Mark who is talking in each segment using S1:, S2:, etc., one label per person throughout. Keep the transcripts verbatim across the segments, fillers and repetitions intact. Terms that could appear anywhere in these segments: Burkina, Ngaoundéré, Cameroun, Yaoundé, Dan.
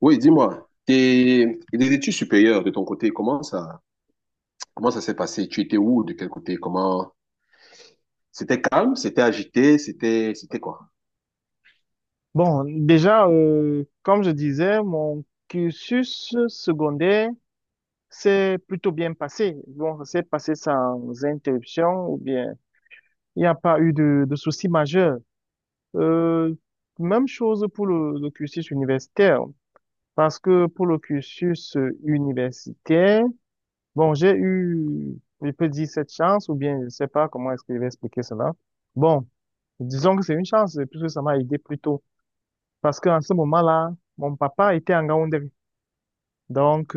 S1: Oui, dis-moi, tes les études supérieures de ton côté, comment ça, comment ça s'est passé? Tu étais où, de quel côté? Comment? C'était calme, c'était agité, c'était, c'était quoi?
S2: Bon, déjà, euh, comme je disais, mon cursus secondaire s'est plutôt bien passé. Bon, ça s'est passé sans interruption ou bien il n'y a pas eu de, de soucis majeurs. Euh, Même chose pour le, le cursus universitaire, parce que pour le cursus euh, universitaire, bon, j'ai eu, je peux dire cette chance, ou bien je sais pas comment est-ce que je vais expliquer cela. Bon, disons que c'est une chance, puisque ça m'a aidé plus tôt. Parce qu'en ce moment-là, mon papa était en Yaoundé. Donc,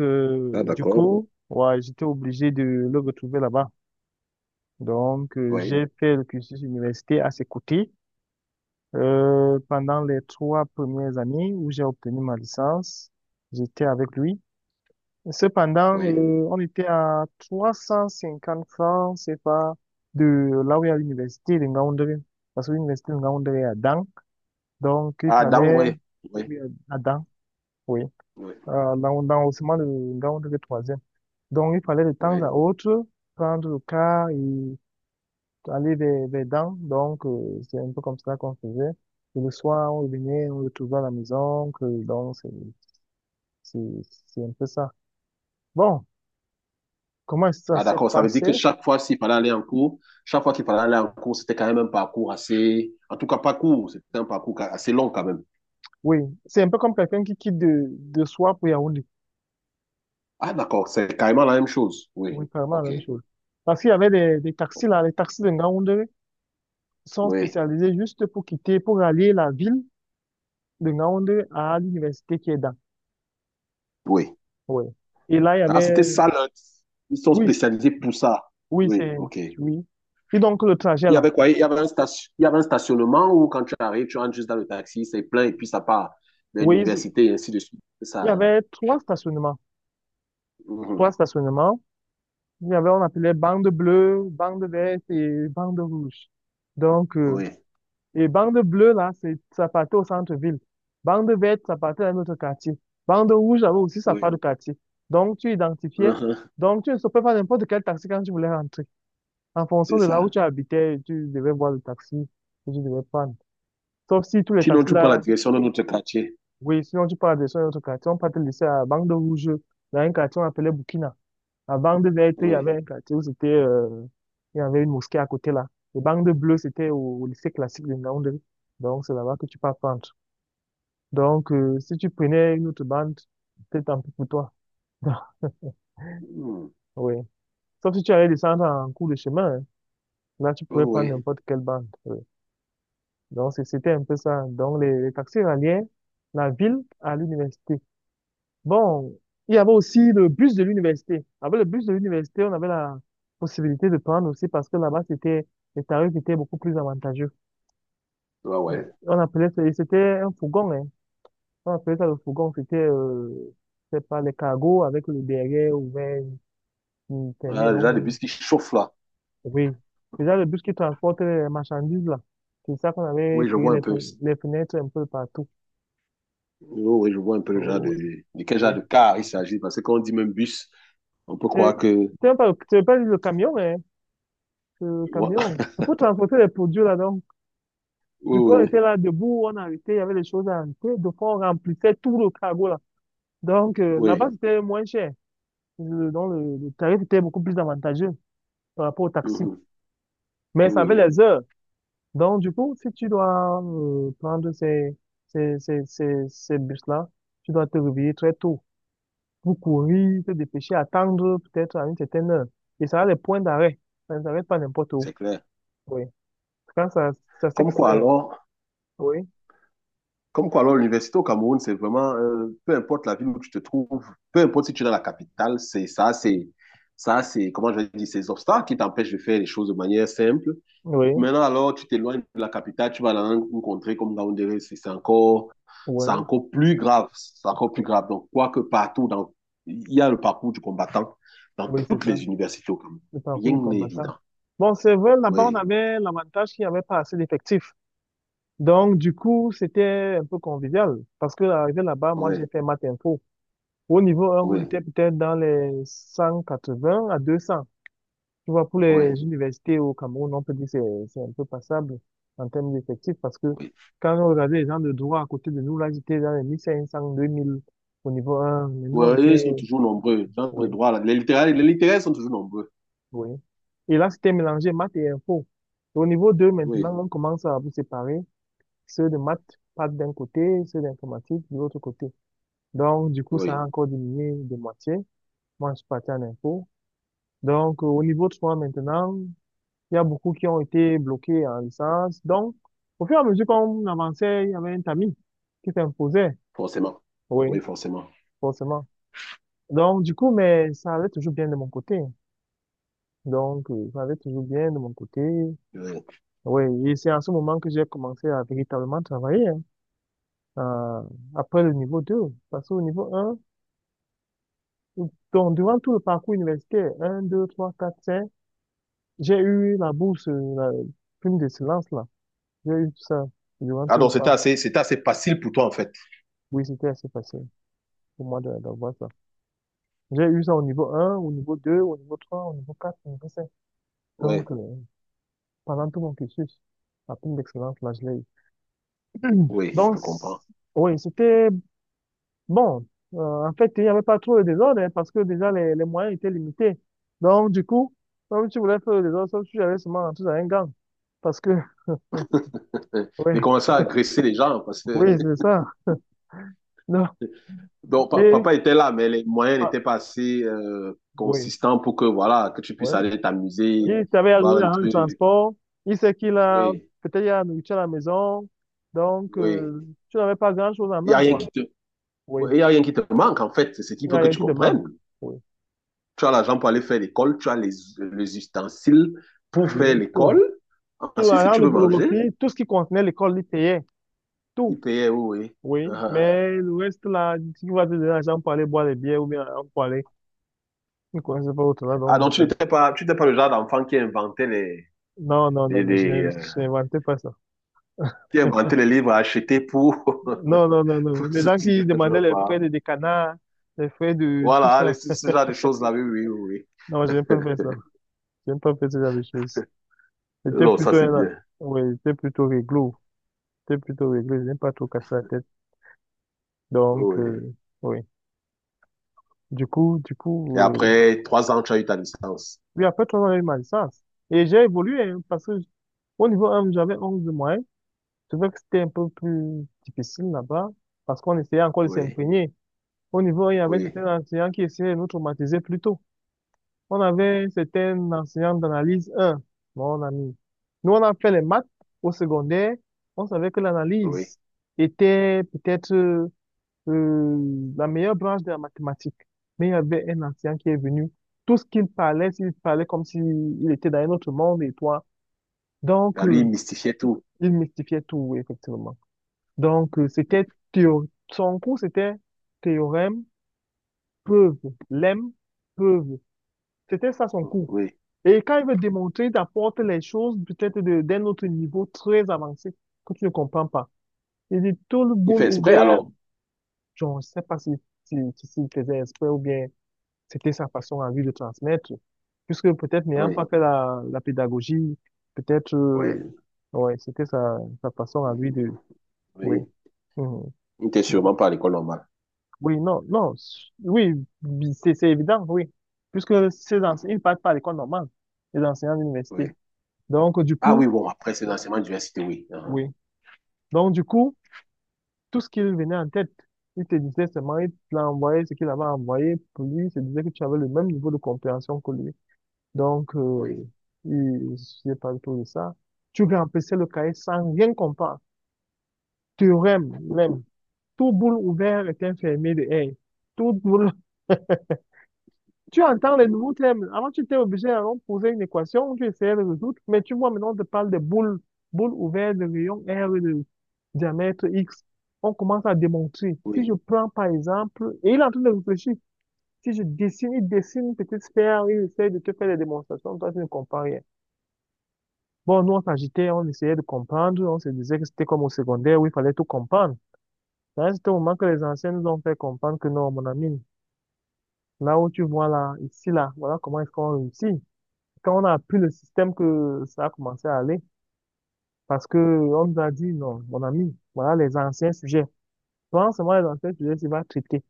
S1: Ah,
S2: euh, du
S1: d'accord.
S2: coup, ouais, j'étais obligé de le retrouver là-bas. Donc, euh,
S1: Oui,
S2: j'ai fait le cursus universitaire à ses côtés. Euh, pendant les trois premières années où j'ai obtenu ma licence, j'étais avec lui. Cependant,
S1: oui.
S2: euh, on était à 350 francs, c'est pas de là où il y a l'université de Ngaoundéré. Parce que l'université de Ngaoundéré est à Dan. Donc, il
S1: Ah, dans,
S2: fallait,
S1: oui, oui,
S2: oui, à Dan, oui,
S1: oui,
S2: euh, dans, dans le ciment de Ngaoundéré troisième. Donc, il fallait de temps
S1: oui.
S2: à autre prendre le car et aller vers, vers Dan. Donc, euh, c'est un peu comme ça qu'on faisait. Et le soir, on revenait, on retrouvait à la maison. Que- donc, c'est, c'est, c'est un peu ça. Bon, comment ça
S1: Ah,
S2: s'est
S1: d'accord. Ça veut dire
S2: passé?
S1: que chaque fois s'il fallait aller en cours, chaque fois qu'il fallait aller en cours, c'était quand même un parcours assez, en tout cas, pas court, c'était un parcours ca- assez long quand même.
S2: Oui, c'est un peu comme quelqu'un qui quitte de, de soi pour Yaoundé.
S1: Ah, d'accord. C'est carrément la même chose. Oui,
S2: Oui, carrément la
S1: ok.
S2: même chose. Parce qu'il y avait des, des taxis là, les taxis de Yaoundé sont
S1: Oui,
S2: spécialisés juste pour quitter, pour aller la ville de Yaoundé à l'université qui est dans.
S1: oui.
S2: Oui. Et là, il y
S1: Ah, c'était
S2: avait,
S1: ça, là. Ils sont
S2: oui, c-
S1: spécialisés pour ça.
S2: oui,
S1: Oui,
S2: c'est,
S1: ok.
S2: oui. Et donc, le trajet
S1: Il y
S2: là,
S1: avait quoi? Il y avait un station- il y avait un stationnement où quand tu arrives, tu rentres juste dans le taxi, c'est plein et puis ça part de
S2: oui, c'est-
S1: l'université et ainsi de suite. C'est
S2: il y
S1: ça.
S2: avait trois stationnements.
S1: Mhm.
S2: Trois stationnements. Il y avait, on appelait bande bleue, bande verte et bande rouge. Donc, euh,
S1: Oui,
S2: et bande bleue, là, c'est, ça partait au centre-ville. Bande verte, ça partait dans notre quartier. Bande rouge, avait aussi ça
S1: oui.
S2: part du quartier. Donc, tu identifiais.
S1: Mhm.
S2: Donc, tu ne peux pas n'importe quel taxi quand tu voulais rentrer. En fonction
S1: C'est
S2: de là où
S1: ça.
S2: tu habitais, tu devais voir le taxi que tu devais prendre. Sauf si tous les
S1: Sinon,
S2: taxis
S1: tu prends la
S2: là,
S1: direction de notre quartier.
S2: oui, sinon tu pars de sur un autre quartier. On peut te laisser à bande rouge, dans un quartier on appelait Burkina. À bande verte, il y
S1: Oui.
S2: avait un quartier où c'était, euh, il y avait une mosquée à côté là. Les bandes bleues, c'était au, au lycée classique de Yaoundé. Donc, c'est là-bas que tu peux prendre. Donc, euh, si tu prenais une autre bande, c'était tant pis pour toi.
S1: Mhm.
S2: Oui. Sauf si tu allais descendre en cours de chemin, hein. Là, tu
S1: Oh,
S2: pouvais prendre
S1: oui,
S2: n'importe quelle bande. Oui. Donc, c'est- c'était un peu ça. Donc, les, les taxis ralliaient la ville à l'université. Bon, il y avait aussi le bus de l'université. Avec le bus de l'université, on avait la possibilité de prendre aussi parce que là-bas, c'était, les tarifs étaient beaucoup plus avantageux.
S1: ouais,
S2: Euh,
S1: ouais.
S2: On appelait ça, et c'était un fourgon, hein. On appelait ça le fourgon. C'était, euh, c'est pas les cargos avec le derrière ouvert qui permet
S1: Ah, le
S2: donc,
S1: genre de bus qui chauffe là.
S2: oui, déjà le bus qui transporte les marchandises là, c'est ça qu'on avait
S1: Oui, je
S2: créé
S1: vois un
S2: les,
S1: peu.
S2: fe- les fenêtres un peu partout.
S1: Oh, oui, je vois un peu le genre de,
S2: Oh,
S1: de quel genre
S2: ouais.
S1: de car il s'agit. Parce que quand on dit même bus, on peut
S2: C'est
S1: croire que.
S2: c'est pas peu, c'est pas le camion, mais c'est le camion. C'est pour transporter les produits là donc.
S1: Oui,
S2: Du coup, on
S1: oui,
S2: était là debout, on arrêtait, il y avait des choses à arrêter, de fois on remplissait tout le cargo là. Donc euh,
S1: oui.
S2: là-bas c'était moins cher. Le- donc le, le tarif était beaucoup plus avantageux par rapport au taxi.
S1: Mhm.
S2: Mais
S1: Oui,
S2: ça avait
S1: oui.
S2: les heures. Donc, du coup, si tu dois euh, prendre ces, ces, ces, ces, ces bus-là, tu dois te réveiller très tôt pour courir, te dépêcher, attendre peut-être à une certaine heure. Et ça a les points d'arrêt. Ça ne s'arrête pas n'importe où.
S1: C'est clair.
S2: Oui. Quand ça, ça c'est
S1: Comme
S2: que c'est-
S1: quoi alors?
S2: oui,
S1: Comme quoi, alors, l'université au Cameroun, c'est vraiment, euh, peu importe la ville où tu te trouves, peu importe si tu es dans la capitale, c'est ça, c'est ça, c'est, comment je vais dire, ces obstacles qui t'empêchent de faire les choses de manière simple.
S2: oui,
S1: Maintenant, alors, tu t'éloignes de la capitale, tu vas dans une contrée comme Yaoundé, c'est c'est encore, c'est
S2: oui,
S1: encore plus grave, c'est encore plus
S2: oui.
S1: grave. Donc, quoique partout, dans, il y a le parcours du combattant dans
S2: Oui, c'est
S1: toutes
S2: ça.
S1: les universités au Cameroun.
S2: Le parcours
S1: Rien
S2: du
S1: n'est
S2: combattant.
S1: évident.
S2: Bon, c'est vrai, là-bas, on
S1: Oui,
S2: avait l'avantage qu'il n'y avait pas assez d'effectifs. Donc, du coup, c'était un peu convivial. Parce que, arrivé là-bas, moi,
S1: oui,
S2: j'ai fait maths info. Au niveau un, on
S1: oui,
S2: était peut-être dans les cent quatre-vingts à deux cents. Tu vois, pour
S1: oui,
S2: les universités au Cameroun, on peut dire que c'est c'est un peu passable en termes d'effectifs parce que
S1: oui.
S2: quand on regardait les gens de droit à côté de nous, là, ils étaient dans les mille cinq cents, deux mille au niveau un. Mais nous,
S1: Oui,
S2: on
S1: ils sont
S2: était,
S1: toujours nombreux. Gens de
S2: oui,
S1: droit, là. Les littéraires, les littéraires sont toujours nombreux.
S2: oui. Et là, c'était mélangé maths et info. Et au niveau deux,
S1: Oui,
S2: maintenant, on commence à vous séparer. Ceux de maths partent d'un côté, ceux d'informatique de l'autre côté. Donc, du coup, ça a
S1: oui,
S2: encore diminué de moitié. Moi, je suis parti en info. Donc, euh, au niveau de soi maintenant, il y a beaucoup qui ont été bloqués en licence. Donc, au fur et à mesure qu'on avançait, il y avait un tamis qui s'imposait.
S1: forcément.
S2: Oui,
S1: Oui, forcément.
S2: forcément. Donc, du coup, mais ça allait toujours bien de mon côté. Donc, euh, ça allait toujours bien de mon côté.
S1: Oui.
S2: Oui, et c'est à ce moment que j'ai commencé à véritablement travailler, hein, euh, après le niveau deux. Parce qu'au niveau un, donc, durant tout le parcours universitaire, un, deux, trois, quatre, cinq, j'ai eu la bourse, euh, la prime de silence. J'ai eu ça durant
S1: Ah
S2: tout le
S1: donc, c'était
S2: parc.
S1: assez, c'était assez facile pour toi, en fait.
S2: Oui, c'était assez facile pour moi de- d'avoir ça. J'ai eu ça au niveau un, au niveau deux, au niveau trois, au niveau quatre, au niveau cinq.
S1: Oui,
S2: Donc, euh, pendant tout mon cursus, la prime d'excellence, là, je l'ai eu.
S1: oui,
S2: Donc,
S1: je
S2: c-
S1: comprends.
S2: oui, c'était bon. Euh, en fait, il n'y avait pas trop de désordre hein, parce que déjà, les, les moyens étaient limités. Donc, du coup, comme tu voulais faire le désordre, sauf que tu avais seulement rentrer dans un gang. Parce que, oui,
S1: J'ai commencé à agresser les gens parce que
S2: oui, c'est ça. Non.
S1: donc, pa-
S2: Et,
S1: papa était là, mais les moyens
S2: ah,
S1: n'étaient pas assez euh,
S2: oui,
S1: consistants pour que, voilà, que tu
S2: oui,
S1: puisses aller t'amuser,
S2: il savait
S1: boire
S2: arriver
S1: un
S2: à un
S1: truc.
S2: transport. Il sait qu'il a,
S1: Oui,
S2: peut-être il y a la nourriture à la maison. Donc,
S1: oui.
S2: euh, tu n'avais pas grand-chose en
S1: Il n'y a
S2: main,
S1: rien
S2: quoi.
S1: qui te...
S2: Oui.
S1: Il y a rien qui te manque, en fait. C'est ce
S2: Il
S1: qu'il
S2: n'y a
S1: faut que
S2: rien
S1: tu
S2: qui te manque.
S1: comprennes.
S2: Oui.
S1: Tu as l'argent pour aller faire l'école, tu as les, les ustensiles pour
S2: Oui.
S1: faire l'école.
S2: Tout. Tout,
S1: Ensuite,
S2: la
S1: si tu
S2: grande
S1: veux manger,
S2: photocopie, tout ce qui contenait l'école, il payait.
S1: il
S2: Tout.
S1: payait, oui. Oui.
S2: Oui.
S1: Uh-huh.
S2: Mais le reste, là, si tu vas te donner l'argent pour aller boire des bières ou bien l'argent pour aller. Je ne connaissais pas autre là,
S1: Ah, donc
S2: donc,
S1: tu
S2: euh,
S1: n'étais pas, tu n'étais pas le genre d'enfant qui inventait les,
S2: non, non, non,
S1: les,
S2: non, je
S1: les,
S2: n'ai-
S1: euh,
S2: je n'inventais pas ça.
S1: qui inventait les livres à acheter pour,
S2: Non, non, non, non.
S1: pour
S2: Les gens qui
S1: soutenir, je ne sais
S2: demandaient les frais
S1: pas.
S2: de décanat, les frais de tout
S1: Voilà, les,
S2: ça.
S1: ce, ce genre de choses-là, oui, oui, oui. Oui.
S2: Non, je n'ai pas fait ça. J'aime pas faire ce genre de choses. J'étais
S1: Non, ça
S2: plutôt
S1: c'est
S2: un,
S1: bien.
S2: oui, j'étais plutôt réglo. J'étais plutôt réglo. J'aime pas trop casser la tête.
S1: Oui.
S2: Donc,
S1: Oui.
S2: euh, oui. Du coup, du
S1: Et
S2: coup, euh,
S1: après trois ans, tu as eu ta licence.
S2: oui, après trois ans, j'ai eu ma licence. Et j'ai évolué, hein, parce que au niveau un, j'avais onze de moyenne. Je trouvais que c'était un peu plus difficile là-bas, parce qu'on essayait encore de
S1: Oui,
S2: s'imprégner. Au niveau un, il y avait
S1: oui,
S2: certains enseignants qui essayaient de nous traumatiser plus tôt. On avait une certaine enseignante d'analyse un, mon ami. Nous, on a fait les maths au secondaire. On savait que
S1: oui.
S2: l'analyse était peut-être euh, la meilleure branche de la mathématique. Mais il y avait un enseignant qui est venu. Tout ce qu'il parlait, il parlait comme s'il était dans un autre monde et toi. Donc,
S1: Ah, lui, il
S2: euh,
S1: mystifiait tout.
S2: il mystifiait tout, effectivement. Donc, euh, c'était théo- son cours, c'était théorème, preuve, lemme, preuve. C'était ça son cours.
S1: Oui.
S2: Et quand il veut démontrer, il t'apporte les choses peut-être de- d'un autre niveau très avancé que tu ne comprends pas. Il dit tout le
S1: Il
S2: bol
S1: fait exprès
S2: ouvert,
S1: alors.
S2: je ne sais pas si, si, si, s'il faisait exprès ou bien c'était sa façon à lui de transmettre. Puisque peut-être n'ayant
S1: Oui,
S2: pas fait la, la pédagogie, peut-être, euh, ouais, c'était sa, sa façon à
S1: oui.
S2: lui de, oui.
S1: Oui.
S2: Mhm.
S1: Il n'était sûrement pas à l'école normale.
S2: Oui, non, non, s- oui, bi- c'est c'est évident, oui. Puisque ces enseignants,
S1: Mhm.
S2: ils ne partent pas à l'école normale, les enseignants d'université.
S1: Oui.
S2: Donc, du
S1: Ah
S2: coup,
S1: oui, bon, après, c'est l'enseignement d'université, oui. Uhum.
S2: oui. Donc, du coup, tout ce qu'il venait en tête, il te disait seulement, il l'a envoyé, ce qu'il avait envoyé pour lui, il te disait que tu avais le même niveau de compréhension que lui. Donc, euh,
S1: Oui,
S2: il suffisait pas tout de ça. Tu remplissais le cahier sans rien comprendre. Théorème, lemme. Tout boule ouvert est un fermé de R. Tout boule tu entends les nouveaux thèmes. Avant, tu étais obligé d'aller poser une équation, tu essayais de résoudre, mais tu vois, maintenant, on te parle de boules, boules ouvertes de rayon R et de diamètre X. On commence à démontrer. Si
S1: oui.
S2: je prends, par exemple, et il est en train de réfléchir, si je dessine, il dessine une petite sphère, il essaie de te faire des démonstrations, toi, tu ne comprends rien. Bon, nous, on s'agitait, on essayait de comprendre, on se disait que c'était comme au secondaire où il fallait tout comprendre. Là, c'était au moment que les anciens nous ont fait comprendre que non, mon ami, là où tu vois là, ici, là, voilà comment est-ce qu'on réussit. Quand on a appris le système que ça a commencé à aller, parce que on nous a dit, non, mon ami, voilà les anciens sujets. Prends seulement les anciens sujets, tu vas traiter.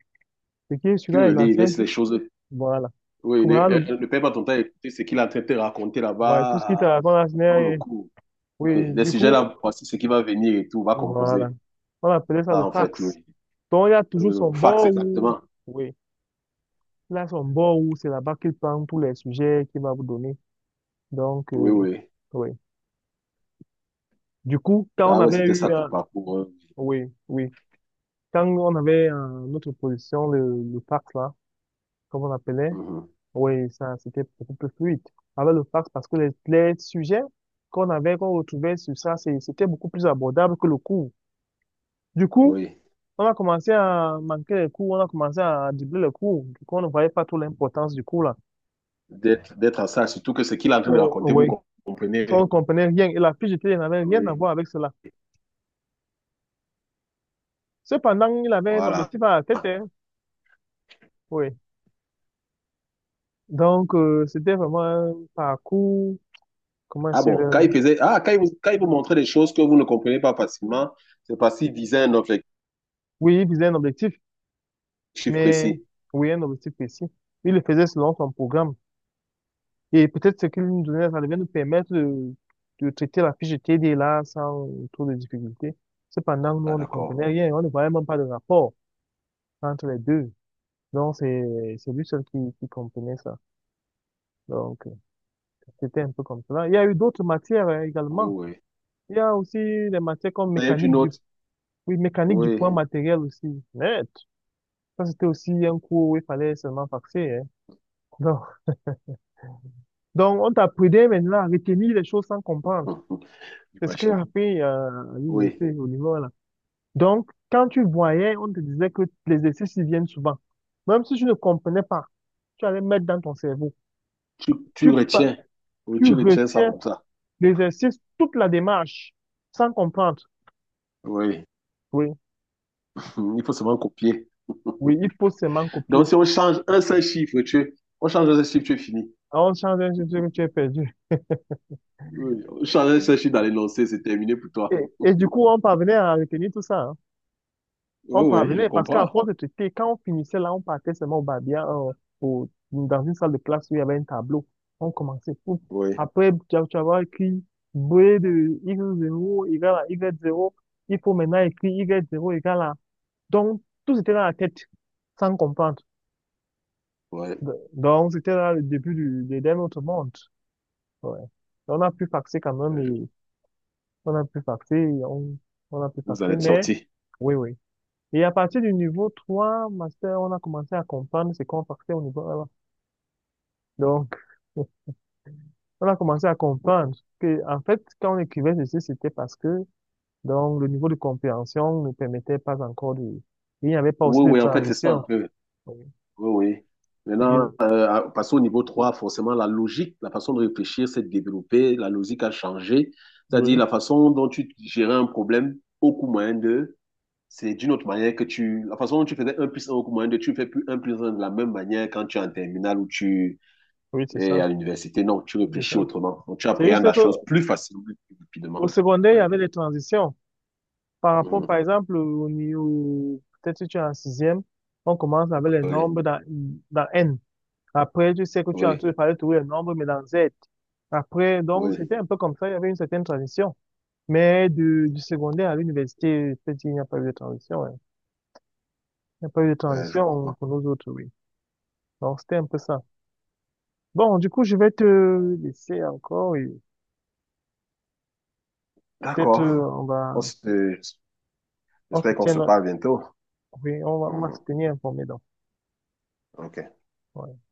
S2: Ce qui est
S1: Tu
S2: celui-là, les
S1: relis,
S2: anciens,
S1: laisse les choses.
S2: voilà.
S1: Oui,
S2: Que
S1: ne,
S2: voilà le,
S1: euh, euh, ne perds pas ton temps à écouter ce qu'il est en train de te raconter
S2: ouais, tout ce qui
S1: là-bas
S2: te raconte là, ce
S1: euh,
S2: n'est
S1: pendant le
S2: rien.
S1: cours.
S2: Oui,
S1: Oui, les
S2: du
S1: sujets
S2: coup,
S1: là, voici ce qui va venir et tout, va
S2: voilà.
S1: composer.
S2: On appelait ça le
S1: Ça, en fait,
S2: fax.
S1: oui.
S2: Donc, il y a toujours
S1: Euh,
S2: son
S1: fax,
S2: bord où,
S1: exactement.
S2: oui, il a son bord où c'est là-bas qu'il prend tous les sujets qu'il va vous donner. Donc,
S1: Oui,
S2: euh,
S1: oui.
S2: oui. Du coup, quand on
S1: Ah ouais,
S2: avait
S1: c'était ça
S2: eu
S1: ton
S2: un,
S1: parcours, hein.
S2: oui, oui. Quand on avait euh, notre position, le, le fax, là, comme on appelait,
S1: Mhm.
S2: oui, ça, c'était beaucoup plus fluide avec le fax parce que les, les sujets qu'on avait, qu'on retrouvait sur ça, c'est- c'était beaucoup plus abordable que le cours. Du coup,
S1: Oui.
S2: on a commencé à manquer les cours, on a commencé à doubler les cours. Du coup, on ne voyait pas trop l'importance du cours, là.
S1: D'être, d'être en salle, surtout que ce qu'il est en train de
S2: Oh,
S1: raconter, vous
S2: oui. On
S1: comprenez.
S2: ne comprenait rien et la fiche de télé n'avait rien à
S1: Oui.
S2: voir avec cela. Cependant, il avait un
S1: Voilà.
S2: objectif à la tête, hein. Oui. Donc, euh, c'était vraiment un parcours, comment
S1: Ah
S2: c'est.
S1: bon, quand il faisait, ah, quand il vous, quand il vous montrait des choses que vous ne comprenez pas facilement, c'est parce qu'il visait un objectif
S2: Oui, il visait un objectif, mais
S1: précis.
S2: oui, un objectif précis. Il le faisait selon son programme. Et peut-être ce qu'il nous donnait, ça devait nous permettre de, de traiter la fiche de T D là sans trop de difficulté. Cependant, nous,
S1: Ah
S2: on ne
S1: d'accord.
S2: comprenait rien. On ne voyait même pas de rapport entre les deux. Donc, c'est, c'est lui seul qui, qui comprenait ça. Donc, euh, C'était un peu comme cela. Il y a eu d'autres matières euh,
S1: Oui,
S2: également.
S1: oui.
S2: Il y a aussi des matières comme
S1: D'ailleurs, tu
S2: mécanique du,
S1: autre
S2: oui, mécanique du
S1: Oui.
S2: poids matériel aussi. Net, ça, c'était aussi un cours où il fallait seulement faxer, hein. Donc, on t'apprenait maintenant à retenir les choses sans comprendre.
S1: Hum, hum,
S2: C'est ce que j'ai
S1: j'imagine.
S2: appris euh, à
S1: Oui.
S2: l'université, au niveau là. Donc, quand tu voyais, on te disait que les exercices ils viennent souvent. Même si tu ne comprenais pas, tu allais mettre dans ton cerveau.
S1: Tu, tu
S2: Tu, pa-
S1: retiens. Oui,
S2: Tu
S1: tu retiens ça
S2: retiens
S1: comme ça.
S2: l'exercice, toute la démarche, sans comprendre.
S1: Oui.
S2: Oui,
S1: Hum, il faut seulement copier.
S2: oui, il faut seulement
S1: Donc,
S2: copier.
S1: si on change un seul chiffre, tu, on change un seul chiffre, tu es fini.
S2: Alors, on change un sujet que tu as perdu.
S1: Oui. On change un seul chiffre dans l'énoncé, c'est terminé pour
S2: Et,
S1: toi.
S2: et du coup, on parvenait à retenir tout ça.
S1: Oui,
S2: On
S1: oui, je
S2: parvenait parce qu'à
S1: comprends.
S2: force de traiter, quand on finissait là, on partait seulement au Babia, euh, au- dans une salle de classe où il y avait un tableau. On commençait tout.
S1: Oui,
S2: Après, tu as- tu vas avoir écrit B de x zéro égale à Y zéro. Il faut maintenant écrire Y zéro égale à. Donc, tout était dans la tête, sans comprendre.
S1: oui.
S2: De- Donc, c'était là le début du, de, d'un autre monde. Ouais. On a pu faxer quand même et on a pu faxer, on, on a pu
S1: Vous en
S2: faxer,
S1: êtes
S2: mais
S1: sorti.
S2: oui, oui. Et à partir du niveau trois, master, on a commencé à comprendre ce qu'on partait au niveau un. Donc, on a commencé à comprendre que, en fait, quand on écrivait ceci, c'était parce que, donc, le niveau de compréhension ne permettait pas encore de, il n'y avait pas aussi
S1: Oui,
S2: de
S1: oui, en fait, c'est ça un
S2: transition.
S1: peu. Oui, oui. Maintenant,
S2: Oui,
S1: euh, à- passons au niveau trois. Forcément, la logique, la façon de réfléchir s'est développée, la logique a changé, c'est-à-dire
S2: oui,
S1: la façon dont tu gérais un problème au coût moyen de, c'est d'une autre manière que tu, la façon dont tu faisais un plus un au coût moyen de, tu ne fais plus un plus un de la même manière quand tu es en terminale ou tu
S2: oui, c'est
S1: es
S2: ça,
S1: à l'université. Non, tu
S2: c'est
S1: réfléchis
S2: ça.
S1: autrement. Donc, tu
S2: C'est
S1: appréhendes
S2: juste
S1: la
S2: que,
S1: chose plus facilement, plus
S2: au
S1: rapidement.
S2: secondaire, il y
S1: Oui,
S2: avait des transitions. Par rapport, par
S1: mhm,
S2: exemple, au niveau, peut-être si tu es en sixième, on commence avec les
S1: oui,
S2: nombres dans, dans N. Après, tu sais que tu es en
S1: oui,
S2: train de parler toujours les nombres, mais dans Z. Après, donc,
S1: oui,
S2: c'était un peu comme ça, il y avait une certaine transition. Mais du, du secondaire à l'université, je peux il n'y a pas eu de transition, hein. Il n'y a pas eu de
S1: euh, je
S2: transition
S1: comprends.
S2: pour nous autres, oui. Donc, c'était un peu ça. Bon, du coup, je vais te laisser encore, et peut-être,
S1: D'accord.
S2: euh, on va,
S1: On se-
S2: on se
S1: j'espère qu'on
S2: tient,
S1: se parle bientôt.
S2: oui, on va, on va se
S1: Mhm.
S2: tenir informé, donc.
S1: OK.
S2: Ouais.